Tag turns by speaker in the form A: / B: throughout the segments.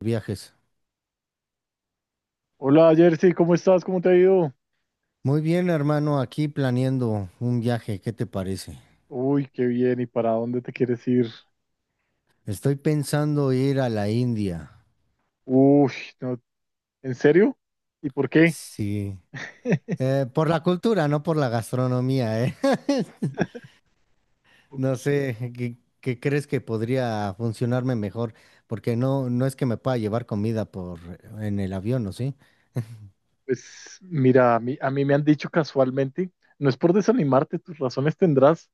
A: Viajes.
B: Hola Jersey, ¿cómo estás? ¿Cómo te ha ido?
A: Muy bien, hermano, aquí planeando un viaje, ¿qué te parece?
B: Uy, qué bien. ¿Y para dónde te quieres ir?
A: Estoy pensando ir a la India.
B: Uy, no, ¿en serio? ¿Y por qué?
A: Sí. Por la cultura, no por la gastronomía, ¿eh?
B: Ok.
A: No sé, ¿qué crees que podría funcionarme mejor? Porque no es que me pueda llevar comida por en el avión, ¿o sí?
B: Pues mira, a mí me han dicho casualmente, no es por desanimarte, tus razones tendrás,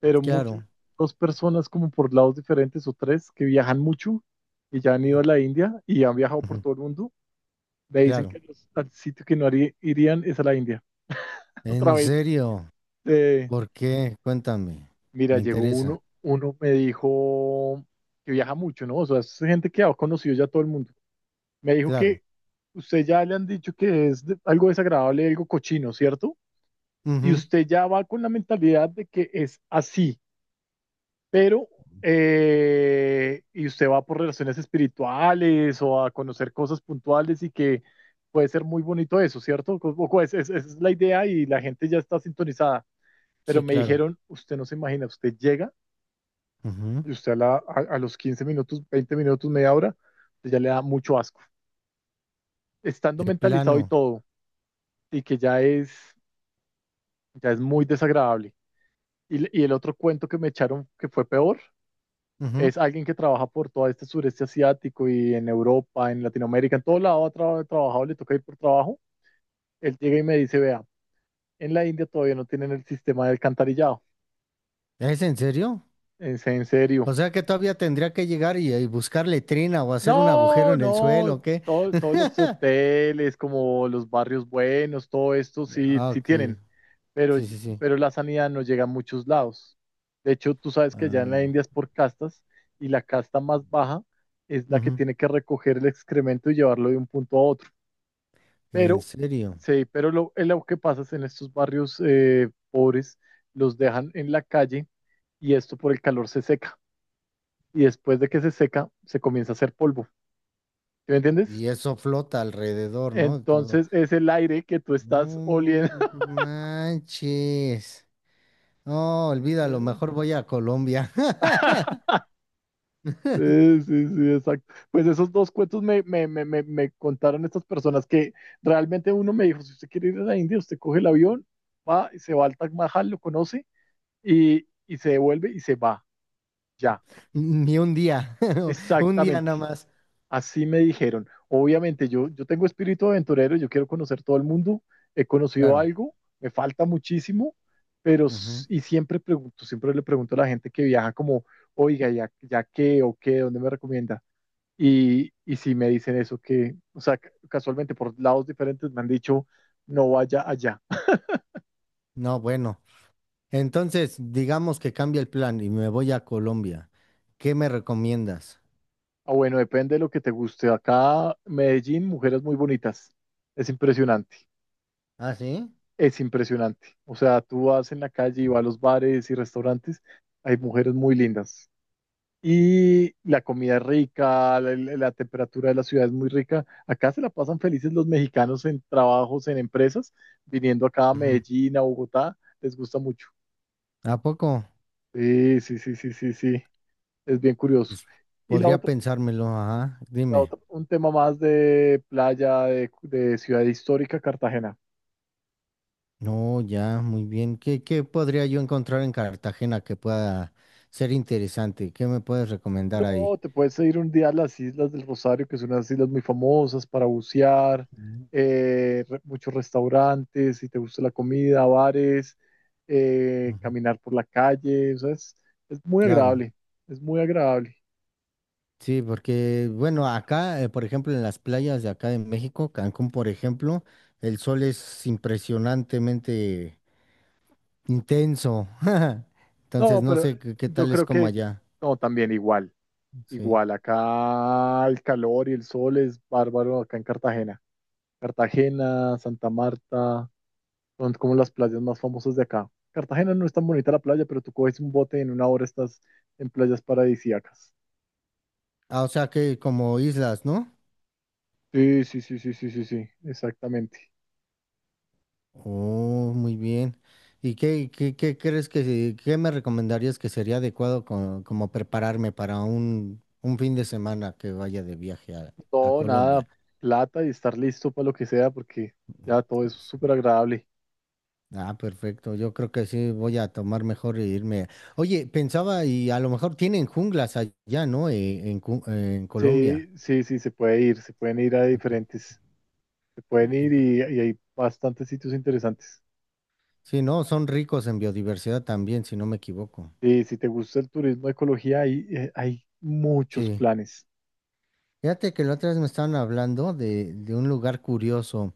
B: pero muchas,
A: Claro,
B: dos personas como por lados diferentes o tres que viajan mucho y ya han ido a la India y han viajado por
A: ujú,
B: todo el mundo, me dicen que
A: claro.
B: al sitio que no haría- irían es a la India. Otra
A: ¿En
B: vez.
A: serio?
B: eh,
A: ¿Por qué? Cuéntame.
B: Mira,
A: Me
B: llegó
A: interesa.
B: uno me dijo que viaja mucho, ¿no? O sea, es gente que ha conocido ya todo el mundo. Me dijo
A: Claro.
B: que usted ya le han dicho que es algo desagradable, algo cochino, ¿cierto? Y
A: Ujú.
B: usted ya va con la mentalidad de que es así, pero, y usted va por relaciones espirituales o a conocer cosas puntuales y que puede ser muy bonito eso, ¿cierto? Esa es la idea y la gente ya está sintonizada. Pero
A: Sí,
B: me
A: claro.
B: dijeron, usted no se imagina, usted llega.
A: Ujú.
B: Y usted a los 15 minutos, 20 minutos, media hora, pues ya le da mucho asco. Estando
A: De
B: mentalizado y
A: plano.
B: todo, y ya es muy desagradable. Y el otro cuento que me echaron que fue peor, es alguien que trabaja por todo este sureste asiático y en Europa, en Latinoamérica, en todo lado ha trabajado, le toca ir por trabajo. Él llega y me dice, vea, en la India todavía no tienen el sistema de alcantarillado.
A: ¿Es en serio?
B: En serio.
A: O sea que todavía tendría que llegar y buscar letrina o hacer un agujero
B: No,
A: en el suelo,
B: no,
A: ¿o qué?
B: todos los hoteles, como los barrios buenos, todo esto sí,
A: Ah,
B: sí
A: ok.
B: tienen, pero,
A: Sí, sí, sí.
B: pero la sanidad no llega a muchos lados. De hecho, tú sabes que allá en la
A: Ah,
B: India es por castas y la casta más baja es la que
A: ujú.
B: tiene que recoger el excremento y llevarlo de un punto a otro.
A: En
B: Pero,
A: serio.
B: sí, pero lo que pasa es en estos barrios pobres, los dejan en la calle y esto por el calor se seca. Y después de que se seca, se comienza a hacer polvo. ¿Sí me entiendes?
A: Y eso flota alrededor, ¿no? De todo.
B: Entonces es el aire que tú estás
A: No
B: oliendo.
A: manches. No, olvídalo, mejor voy a Colombia.
B: Sí, sí, sí, exacto. Pues esos dos cuentos me contaron estas personas que realmente uno me dijo, si usted quiere ir a la India, usted coge el avión, va y se va al Taj Mahal, lo conoce y se devuelve y se va. Ya,
A: Ni un día. Un día
B: exactamente.
A: nada más.
B: Así me dijeron. Obviamente, yo tengo espíritu aventurero, yo quiero conocer todo el mundo, he conocido
A: Claro.
B: algo, me falta muchísimo, pero
A: Ujú.
B: y siempre pregunto, siempre le pregunto a la gente que viaja como, oiga, ya qué o qué, dónde me recomienda? Y si me dicen eso, que, o sea, casualmente por lados diferentes me han dicho, no vaya allá.
A: No, bueno. Entonces, digamos que cambia el plan y me voy a Colombia. ¿Qué me recomiendas?
B: Ah, bueno, depende de lo que te guste. Acá, Medellín, mujeres muy bonitas. Es impresionante,
A: ¿Ah, sí?
B: es impresionante. O sea, tú vas en la calle y vas a los bares y restaurantes, hay mujeres muy lindas. Y la comida es rica, la temperatura de la ciudad es muy rica. Acá se la pasan felices los mexicanos en trabajos, en empresas, viniendo acá a
A: Ujú.
B: Medellín, a Bogotá, les gusta mucho.
A: ¿A poco?
B: Sí, sí, sí, sí, sí, sí, es bien curioso.
A: Pues,
B: Y la
A: podría
B: otra,
A: pensármelo, ajá.
B: la
A: Dime.
B: otra, un tema más de playa, de ciudad histórica, Cartagena.
A: No, ya, muy bien. ¿Qué, qué podría yo encontrar en Cartagena que pueda ser interesante? ¿Qué me puedes recomendar
B: No,
A: ahí?
B: te puedes ir un día a las Islas del Rosario, que son unas islas muy famosas para bucear,
A: Mm,
B: muchos restaurantes, si te gusta la comida, bares,
A: ujú.
B: caminar por la calle, o sea, es muy
A: Claro,
B: agradable, es muy agradable.
A: sí, porque, bueno, acá, por ejemplo, en las playas de acá de México, Cancún, por ejemplo, el sol es impresionantemente intenso. Entonces
B: No,
A: no
B: pero
A: sé qué
B: yo
A: tal es
B: creo
A: como
B: que,
A: allá.
B: no, también igual,
A: Sí.
B: igual, acá el calor y el sol es bárbaro acá en Cartagena. Cartagena, Santa Marta, son como las playas más famosas de acá. Cartagena no es tan bonita la playa, pero tú coges un bote y en una hora estás en playas paradisíacas.
A: Ah, o sea que como islas, ¿no?
B: Sí, sí, sí, sí, sí, sí, sí, exactamente.
A: Oh, muy bien. ¿Y qué crees que qué me recomendarías que sería adecuado como prepararme para un fin de semana que vaya de viaje a
B: No, nada,
A: Colombia?
B: plata y estar listo para lo que sea, porque ya todo es súper agradable.
A: Ah, perfecto. Yo creo que sí voy a tomar mejor e irme. Oye, pensaba y a lo mejor tienen junglas allá, ¿no? En, en
B: Sí,
A: Colombia.
B: sí, sí, se puede ir, se pueden ir a diferentes, se pueden ir y hay bastantes sitios interesantes.
A: Sí, no, son ricos en biodiversidad también, si no me equivoco.
B: Sí, si te gusta el turismo, ecología, hay muchos
A: Sí.
B: planes.
A: Fíjate que la otra vez me estaban hablando de un lugar curioso,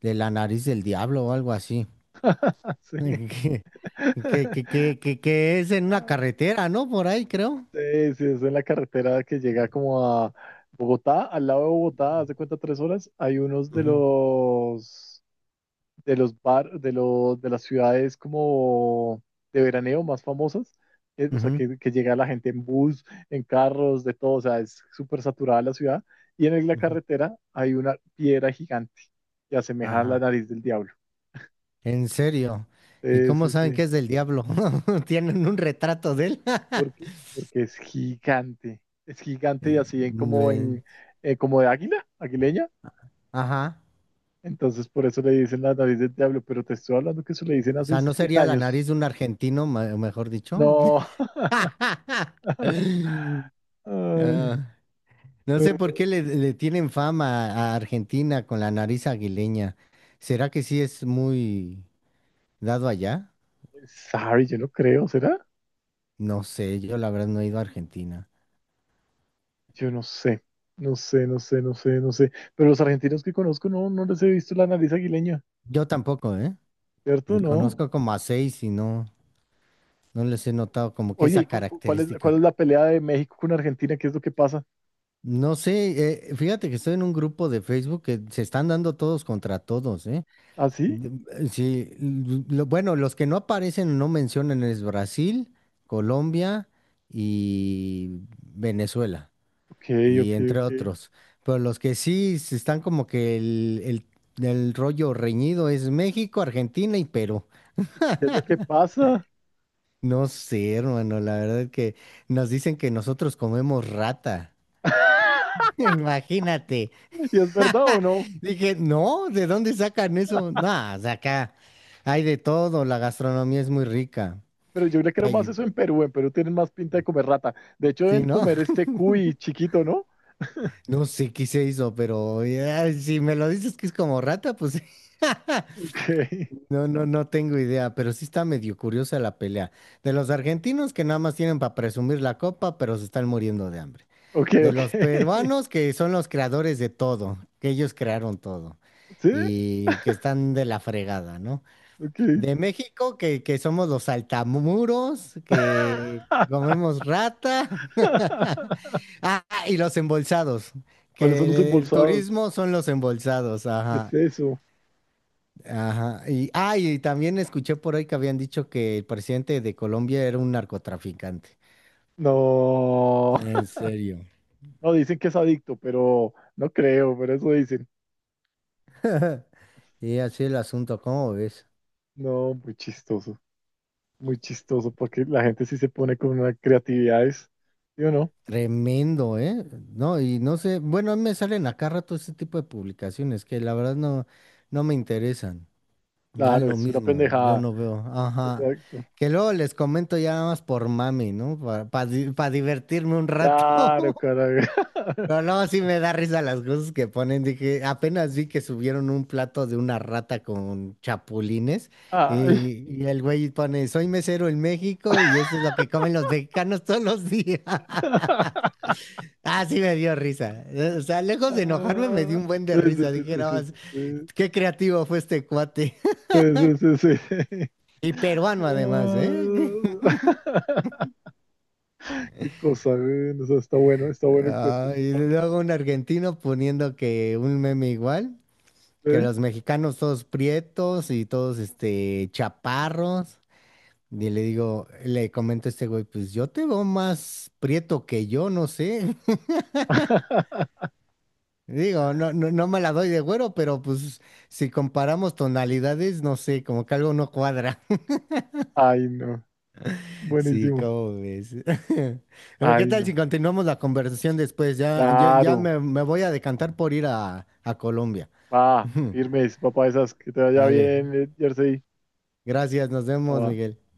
A: de la nariz del diablo o algo así.
B: Sí.
A: Que, que, que, que, que- que es en una carretera, ¿no? Por ahí, creo.
B: Sí, sí, es en la carretera que llega como a Bogotá, al lado de Bogotá, hace cuenta 3 horas, hay unos
A: Ujú,
B: de los de las ciudades como de veraneo más famosas, o sea
A: ujú,
B: que llega la gente en bus, en carros, de todo, o sea, es súper saturada la ciudad, y en la
A: ujú.
B: carretera hay una piedra gigante que asemeja a la
A: Ajá.
B: nariz del diablo.
A: En serio. ¿Y
B: Sí,
A: cómo
B: sí,
A: saben
B: sí.
A: que es del diablo? ¿Tienen un retrato de él?
B: Porque, porque es gigante. Es gigante y
A: Eh,
B: así
A: eh,
B: en como de águila, aguileña.
A: Ajá.
B: Entonces, por eso le dicen la nariz del diablo, pero te estoy hablando que eso le dicen
A: O
B: hace
A: sea, ¿no
B: 100
A: sería la
B: años.
A: nariz de un argentino, mejor dicho?
B: No. Ay,
A: Ah, no sé por
B: no.
A: qué le tienen fama a Argentina con la nariz aguileña. ¿Será que sí es muy dado allá?
B: Sorry, yo no creo, ¿será?
A: No sé, yo la verdad no he ido a Argentina.
B: Yo no sé. No sé, no sé, no sé, no sé. Pero los argentinos que conozco no, no les he visto la nariz aguileña,
A: Yo tampoco, ¿eh? Me
B: ¿cierto? No.
A: conozco como a seis y no les he notado como que
B: Oye, ¿y
A: esa característica.
B: cuál es la pelea de México con Argentina? ¿Qué es lo que pasa?
A: No sé, fíjate que estoy en un grupo de Facebook que se están dando todos contra todos, ¿eh?
B: ¿Ah, sí?
A: De- Sí, bueno, los que no aparecen o no mencionan es Brasil, Colombia y Venezuela.
B: Ok,
A: Y
B: ok,
A: entre
B: ok. ¿Qué
A: otros. Pero los que sí se están como que el rollo reñido es México, Argentina y Perú.
B: es lo que pasa?
A: No sé, hermano, la verdad es que nos dicen que nosotros comemos rata. Imagínate.
B: ¿Y es verdad o no?
A: Dije, no, ¿de dónde sacan eso? No, de acá hay de todo, la gastronomía es muy rica.
B: Pero yo le creo más
A: Ay,
B: eso en Perú. En Perú tienen más pinta de comer rata. De hecho,
A: sí,
B: deben
A: ¿no?
B: comer este cuy chiquito, ¿no?
A: No sé qué se hizo, pero ya, si me lo dices que es como rata, pues
B: Ok,
A: No, no, no tengo idea, pero sí está medio curiosa la pelea. De los argentinos que nada más tienen para presumir la copa, pero se están muriendo de hambre.
B: ok,
A: De
B: ok.
A: los peruanos que son los creadores de todo, que ellos crearon todo
B: ¿Sí?
A: y que están de la fregada, ¿no?
B: Ok.
A: De México que somos los saltamuros, que comemos rata. Ah, y los embolsados,
B: ¿Cuáles son los
A: que el
B: embolsados?
A: turismo son los embolsados,
B: ¿Qué es
A: ajá.
B: eso?
A: Ajá. Y, ah, y también escuché por ahí que habían dicho que el presidente de Colombia era un narcotraficante.
B: No.
A: En serio.
B: No, dicen que es adicto, pero no creo, pero eso dicen.
A: Y así el asunto, ¿cómo ves?
B: No, muy chistoso. Muy chistoso, porque la gente sí se pone con unas creatividades. ¿Sí o no?
A: Tremendo, ¿eh? No, y no sé, bueno, a mí me salen acá rato ese tipo de publicaciones que la verdad no me interesan. Ya
B: Claro,
A: lo
B: es una
A: mismo, yo
B: pendejada.
A: no veo. Ajá.
B: Exacto.
A: Que luego les comento ya nada más por mami, ¿no? Para divertirme un rato.
B: Claro, carajo.
A: Pero no, sí me da risa las cosas que ponen. Dije, apenas vi que subieron un plato de una rata con chapulines
B: Ay.
A: y el güey pone, soy mesero en México y eso es lo que comen los mexicanos todos los días. Ah, sí me dio risa. O sea, lejos de enojarme me
B: Ah,
A: dio un buen de
B: sí,
A: risa.
B: sí,
A: Dije,
B: sí,
A: no,
B: sí, sí,
A: qué creativo fue este cuate.
B: sí, sí, sí, sí, sí.
A: Y
B: Ah.
A: peruano además, ¿eh?
B: Qué cosa, güey. O sea, está bueno el cuento.
A: Ah, y luego un argentino poniendo que un meme igual. Que
B: ¿Eh?
A: los mexicanos todos prietos y todos este chaparros. Y le digo, le comento a este güey, pues yo te veo más prieto que yo, no sé. Digo, no, no me la doy de güero, pero pues si comparamos tonalidades, no sé, como que algo no cuadra.
B: Ay, no.
A: Sí,
B: Buenísimo.
A: ¿cómo ves? Pero ¿qué
B: Ay,
A: tal
B: no.
A: si continuamos la conversación después? Ya
B: Claro.
A: me, me voy a decantar por ir a Colombia.
B: Va, firmes, papá, esas. Que te vaya
A: Dale,
B: bien, Jersey.
A: gracias, nos vemos,
B: Va.
A: Miguel.